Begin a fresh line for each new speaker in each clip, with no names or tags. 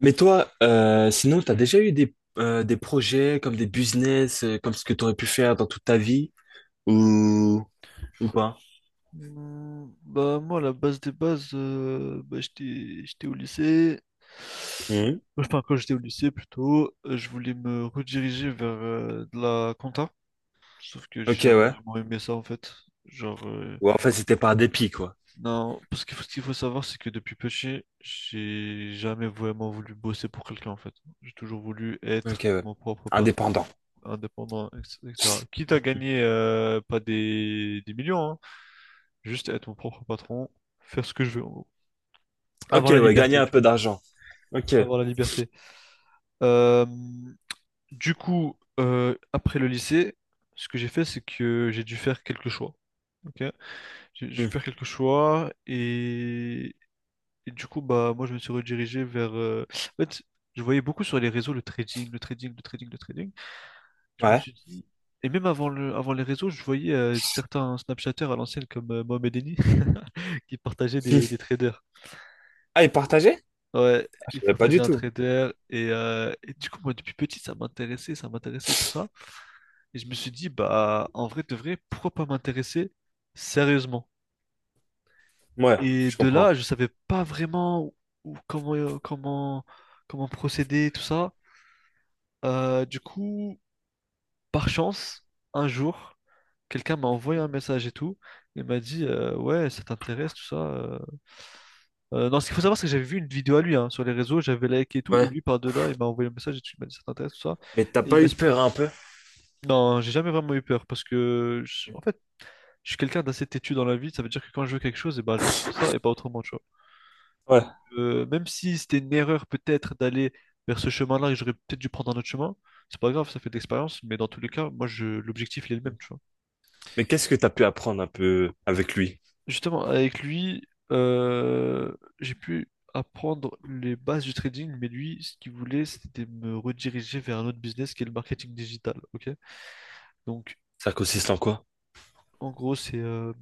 Mais toi, sinon, tu as déjà eu des projets comme des business, comme ce que tu aurais pu faire dans toute ta vie ou, ou pas?
Bah moi la base des bases bah, j'étais au lycée,
Mhm.
enfin quand j'étais au lycée plutôt, je voulais me rediriger vers de la compta, sauf que j'ai
Ok,
jamais
ouais.
vraiment aimé ça en fait. genre euh,
Ou en fait, c'était par dépit, quoi.
non, parce que ce qu'il faut savoir, c'est que depuis petit j'ai jamais vraiment voulu bosser pour quelqu'un en fait. J'ai toujours voulu
Ok,
être
ouais.
mon propre
Indépendant.
patron, indépendant, etc etc. Quitte à gagner pas des, des millions hein, juste être mon propre patron, faire ce que je veux, en gros.
Ok,
Avoir la
ouais, gagner
liberté,
un
tu
peu
vois,
d'argent. Ok.
avoir la liberté. Euh, du coup, après le lycée, ce que j'ai fait, c'est que j'ai dû faire quelques choix. Ok, j'ai dû
Mhm.
faire quelques choix, et du coup, bah, moi, je me suis redirigé vers. En fait, je voyais beaucoup sur les réseaux le trading, le trading, le trading, le trading. Je me
Ouais.
suis dit, et même avant le, avant les réseaux, je voyais certains Snapchatters à l'ancienne comme Mohamed Eni qui partageaient des
Hmm.
traders.
Ah, et partager?
Ouais,
Ah, je
il
savais pas
partageait
du
un
tout.
trader et du coup moi depuis petit ça m'intéressait tout ça. Et je me suis dit, bah en vrai de vrai pourquoi pas m'intéresser sérieusement.
Ouais,
Et
je
de
comprends.
là je savais pas vraiment comment comment procéder tout ça. Du coup, par chance, un jour, quelqu'un m'a envoyé un message et tout, et m'a dit ouais, ça t'intéresse tout ça Non, ce qu'il faut savoir, c'est que j'avais vu une vidéo à lui hein, sur les réseaux, j'avais liké et tout, et
Ouais.
lui par-delà, il m'a envoyé un message et tout, il m'a dit ça t'intéresse, tout ça.
Mais t'as
Et il
pas
m'a
eu
expli-
peur un peu?
Non, j'ai jamais vraiment eu peur parce que, en fait, je suis quelqu'un d'assez têtu dans la vie, ça veut dire que quand je veux quelque chose, et ben, je veux que ça et pas autrement, tu vois.
Ouais.
Donc, même si c'était une erreur peut-être d'aller vers ce chemin-là et j'aurais peut-être dû prendre un autre chemin, c'est pas grave, ça fait de l'expérience, mais dans tous les cas, moi, je... l'objectif, il est le même, tu vois.
Mais qu'est-ce que t'as pu apprendre un peu avec lui?
Justement, avec lui, j'ai pu apprendre les bases du trading, mais lui, ce qu'il voulait, c'était me rediriger vers un autre business qui est le marketing digital. Ok? Donc,
Ça consiste en quoi?
en gros,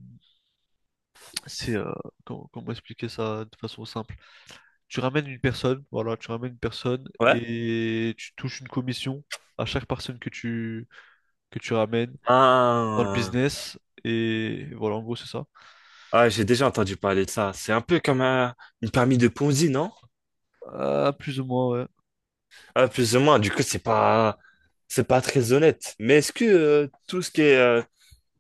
c'est comment, comment expliquer ça de façon simple? Tu ramènes une personne, voilà, tu ramènes une personne
Ouais.
et tu touches une commission à chaque personne que tu ramènes dans le
Ah.
business. Et voilà, en gros, c'est ça.
Ah, j'ai déjà entendu parler de ça. C'est un peu comme une permis de Ponzi, non?
Ah, plus ou moins, ouais.
Ah, plus ou moins. Du coup, c'est pas très honnête. Mais est-ce que tout ce qui est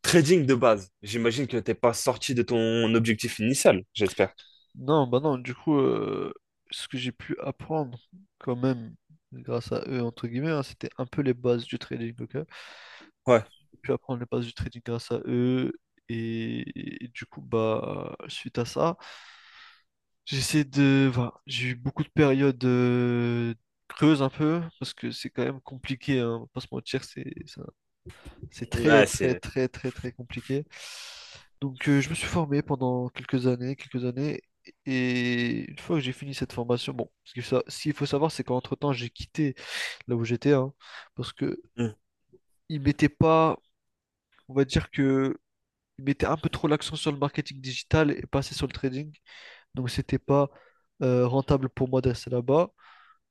trading de base, j'imagine que t'es pas sorti de ton objectif initial, j'espère.
Non, bah non, du coup, ce que j'ai pu apprendre quand même grâce à eux, entre guillemets, hein, c'était un peu les bases du trading, ok?
Ouais.
J'ai pu apprendre les bases du trading grâce à eux, et du coup, bah, suite à ça, j'essaie de... Voilà, j'ai eu beaucoup de périodes creuses un peu, parce que c'est quand même compliqué, hein, on va pas se mentir, c'est c'est très,
Ouais,
très,
c'est.
très, très, très compliqué. Donc, je me suis formé pendant quelques années, quelques années. Et une fois que j'ai fini cette formation, bon, ce qu'il faut savoir, c'est qu'entre-temps, j'ai quitté là où j'étais, hein, parce que
Hmm.
ils mettaient pas, on va dire que ils mettaient un peu trop l'accent sur le marketing digital et pas assez sur le trading. Donc, c'était pas rentable pour moi de rester là-bas.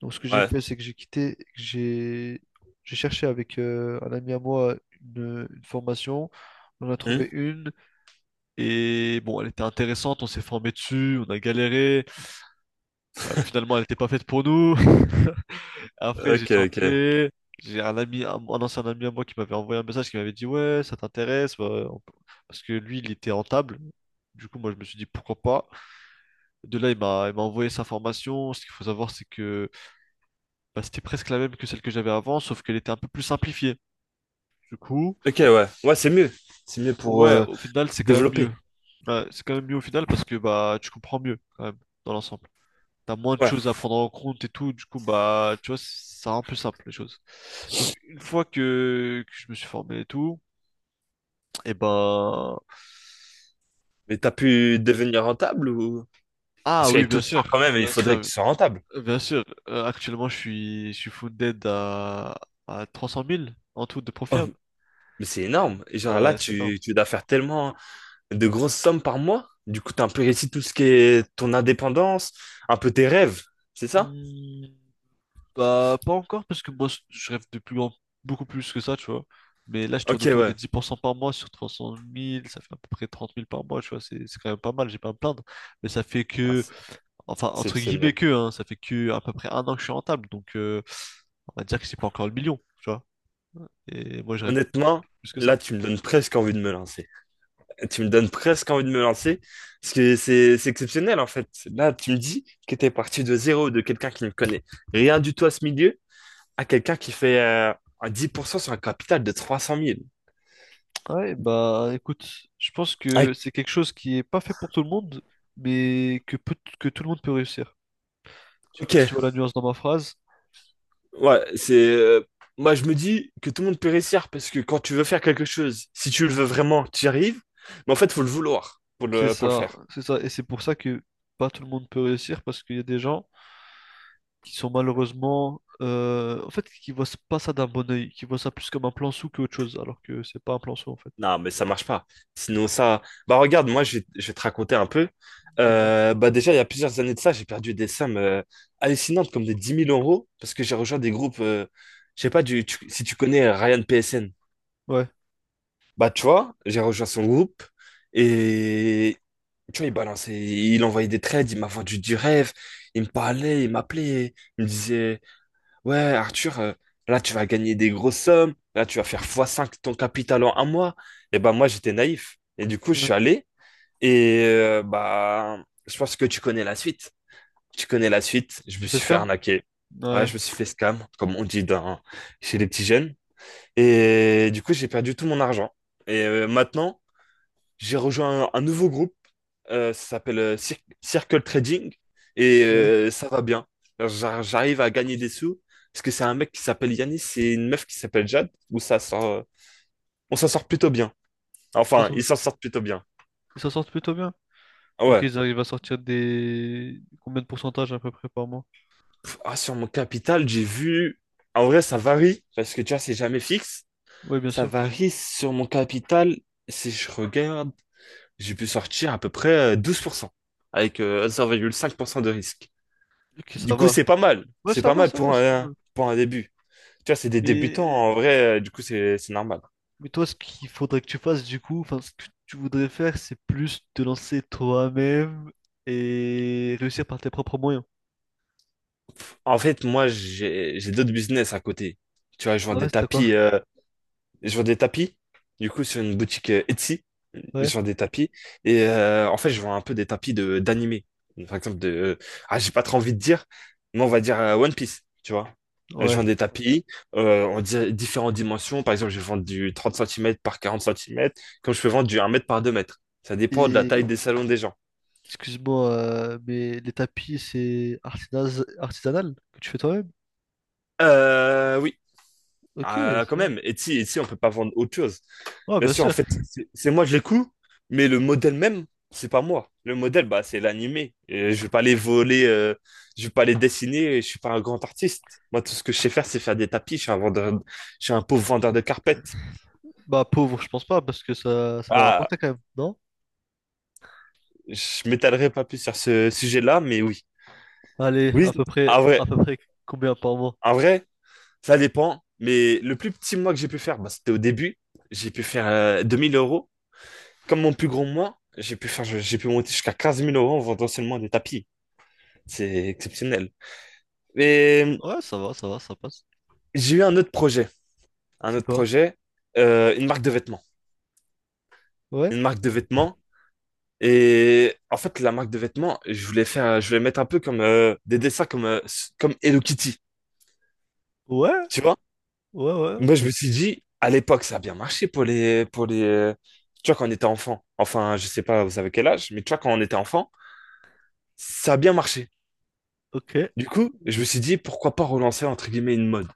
Donc, ce que j'ai
Ouais.
fait, c'est que j'ai quitté, j'ai cherché avec un ami à moi une formation. On a trouvé
Hmm.
une, et bon, elle était intéressante. On s'est formé dessus, on a galéré. Finalement, elle n'était pas faite pour nous. Après, j'ai
Ok, ok.
changé. J'ai un ami, un ancien ami à moi qui m'avait envoyé un message qui m'avait dit ouais, ça t'intéresse bah, parce que lui, il était rentable. Du coup, moi, je me suis dit pourquoi pas. De là, il m'a envoyé sa formation. Ce qu'il faut savoir, c'est que bah, c'était presque la même que celle que j'avais avant, sauf qu'elle était un peu plus simplifiée. Du coup,
Ok, ouais. Ouais, c'est mieux. C'est mieux pour
ouais, au final, c'est quand même
développer.
mieux. Ouais, c'est quand même mieux au final parce que bah tu comprends mieux quand même dans l'ensemble. T'as moins de
Ouais.
choses à prendre en compte et tout, du coup bah tu vois, ça rend plus simple les choses. Donc une fois que je me suis formé et tout, et ben
Mais t'as pu devenir rentable ou?
ah
Parce
oui
qu'avec tout
bien
ce temps,
sûr,
quand même, il
bien
faudrait que
sûr,
tu sois rentable.
bien sûr. Actuellement, je suis funded à 300 000 en tout de
Oh,
profil.
mais c'est énorme. Et genre là,
Ouais, c'est énorme.
tu dois faire tellement de grosses sommes par mois. Du coup, t'as un peu réussi tout ce qui est ton indépendance, un peu tes rêves, c'est ça?
Hmm, bah, pas encore, parce que moi, je rêve de plus grand, beaucoup plus que ça, tu vois. Mais là, je tourne
Ok,
autour des
ouais.
10% par mois, sur 300 000, ça fait à peu près 30 000 par mois, tu vois. C'est quand même pas mal, j'ai pas à me plaindre. Mais ça fait
Ah,
que,
c'est
enfin, entre guillemets
exceptionnel.
que, hein, ça fait que à peu près un an que je suis rentable. Donc, on va dire que c'est pas encore le million, tu vois. Et moi, je rêve
Honnêtement,
plus que ça.
là, tu me donnes presque envie de me lancer. Tu me donnes presque envie de me lancer, parce que c'est exceptionnel, en fait. Là, tu me dis que t'es parti de zéro, de quelqu'un qui ne connaît rien du tout à ce milieu, à quelqu'un qui fait un 10% sur un capital de 300 000.
Ouais, bah écoute, je pense
Ah,
que c'est quelque chose qui est pas fait pour tout le monde, mais que tout le monde peut réussir. Je sais
ok,
pas si tu vois la nuance dans ma phrase.
ouais, c'est. Moi, je me dis que tout le monde peut réussir parce que quand tu veux faire quelque chose, si tu le veux vraiment, tu y arrives. Mais en fait, faut le vouloir pour le faire.
C'est ça, et c'est pour ça que pas tout le monde peut réussir, parce qu'il y a des gens qui sont malheureusement, en fait, qui voient pas ça d'un bon œil, qui voient ça plus comme un plan sous qu'autre chose, alors que c'est pas un plan sous en fait.
Non, mais ça marche pas. Sinon, ça. Bah, regarde, moi, je vais te raconter un peu.
Dis-moi.
Bah, déjà, il y a plusieurs années de ça, j'ai perdu des sommes hallucinantes, comme des 10 000 euros, parce que j'ai rejoint des groupes. Je sais pas si tu connais Ryan PSN.
Ouais,
Bah, tu vois, j'ai rejoint son groupe et tu vois, il balançait, il envoyait des trades, il m'a vendu du rêve, il me parlait, il m'appelait, il me disait, ouais, Arthur, là, tu vas gagner des grosses sommes, là, tu vas faire fois cinq ton capital en un mois. Et ben, moi, j'étais naïf. Et du coup, je
ouais.
suis allé, et bah, je pense que tu connais la suite. Tu connais la suite, je me
Tu fais
suis
ce
fait
cam?
arnaquer. Ouais,
Ouais,
je me suis fait scam, comme on dit chez les petits jeunes. Et du coup, j'ai perdu tout mon argent. Et maintenant, j'ai rejoint un nouveau groupe, ça s'appelle Circle Trading, et
ouais.
ça va bien. J'arrive à gagner des sous, parce que c'est un mec qui s'appelle Yanis et une meuf qui s'appelle Jade, on s'en sort plutôt bien.
Ils s'en
Enfin, ils
sortent
s'en sortent plutôt bien.
ils s'en sortent plutôt bien.
Ah,
Ok,
ouais.
ils arrivent à sortir des... Combien de pourcentage à peu près par mois?
Pff, ah, sur mon capital, j'ai vu. En vrai, ça varie, parce que tu vois, c'est jamais fixe.
Oui, bien
Ça
sûr.
varie sur mon capital. Si je regarde, j'ai pu sortir à peu près 12%, avec 0,5% de risque.
Ok, ça
Du coup,
va.
c'est pas mal.
Ouais
C'est pas mal
ça va,
pour
c'est pas
un,
mal.
pour un début. Tu vois, c'est des débutants,
Mais,
en vrai, du coup, c'est normal.
mais toi, ce qu'il faudrait que tu fasses, du coup, enfin, ce que tu voudrais faire, c'est plus te lancer toi-même et réussir par tes propres moyens.
En fait, moi, j'ai d'autres business à côté. Tu vois, je vends
Ah ouais,
des
c'était quoi?
tapis, du coup, sur une boutique Etsy.
Ouais,
Je vends des tapis. Et en fait, je vends un peu des tapis de d'animé. Par exemple, de. Ah, j'ai pas trop envie de dire, mais on va dire One Piece, tu vois. Je
ouais.
vends des tapis en différentes dimensions. Par exemple, je vends du 30 centimètres par 40 centimètres, comme je peux vendre du 1 mètre par 2 mètres. Ça dépend de la
Et,
taille des salons des gens.
excuse-moi, mais les tapis, c'est artisanal, artisanal que tu fais toi-même?
Oui.
Ok,
Quand
ça va.
même. Etsy, on peut pas vendre autre chose.
Ouais,
Bien
bien
sûr, en
sûr.
fait, c'est moi, je l'écoute, mais le modèle même, c'est pas moi. Le modèle, bah, c'est l'animé. Et je vais pas les voler, je vais pas les dessiner, je suis pas un grand artiste. Moi, tout ce que je sais faire, c'est faire des tapis. Je suis un vendeur, je suis un pauvre vendeur de carpettes.
Bah, pauvre, je pense pas, parce que ça doit
Ah,
rapporter quand même, non?
je m'étalerai pas plus sur ce sujet-là, mais oui.
Allez,
Oui, en vrai,
à peu près combien par mois?
en vrai, ça dépend. Mais le plus petit mois que j'ai pu faire, bah, c'était au début. J'ai pu faire 2000 euros. Comme mon plus gros mois, j'ai pu monter jusqu'à 15 000 euros en vendant seulement des tapis. C'est exceptionnel. Mais
Ouais, ça va, ça va, ça passe.
j'ai eu un autre projet, un
C'est
autre
quoi?
projet, euh, une marque de vêtements,
Ouais?
une marque de vêtements. Et en fait, la marque de vêtements, je voulais mettre un peu comme des dessins comme Hello Kitty,
Ouais,
tu vois?
ouais, ouais,
Moi, je me suis dit, à l'époque, ça a bien marché pour les pour les, tu vois, quand on était enfant. Enfin, je sais pas, vous savez quel âge, mais tu vois, quand on était enfant, ça a bien marché.
ok.
Du coup, je me suis dit, pourquoi pas relancer entre guillemets une mode.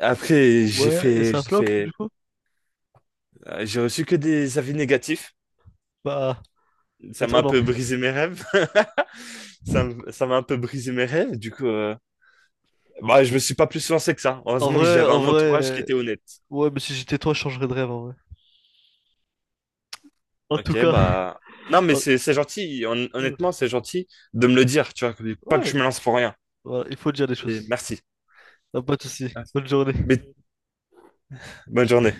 Après,
Ouais, et ça flop du coup?
j'ai reçu que des avis négatifs.
Bah,
Ça m'a un
étonnant.
peu brisé mes rêves. Ça m'a un peu brisé mes rêves. Du coup, bah, je me suis pas plus lancé que ça. Heureusement que j'avais
En
un
vrai,
entourage qui était honnête.
ouais, mais si j'étais toi, je changerais de rêve en vrai. En tout
Ok,
cas,
bah. Non, mais
en-
c'est gentil. Hon-
euh,
Honnêtement, c'est gentil de me le dire. Tu vois, pas que
ouais,
je me lance pour rien.
voilà, il faut dire les choses.
Et merci.
T'as pas de soucis.
Merci.
Bonne journée.
Mais bonne journée.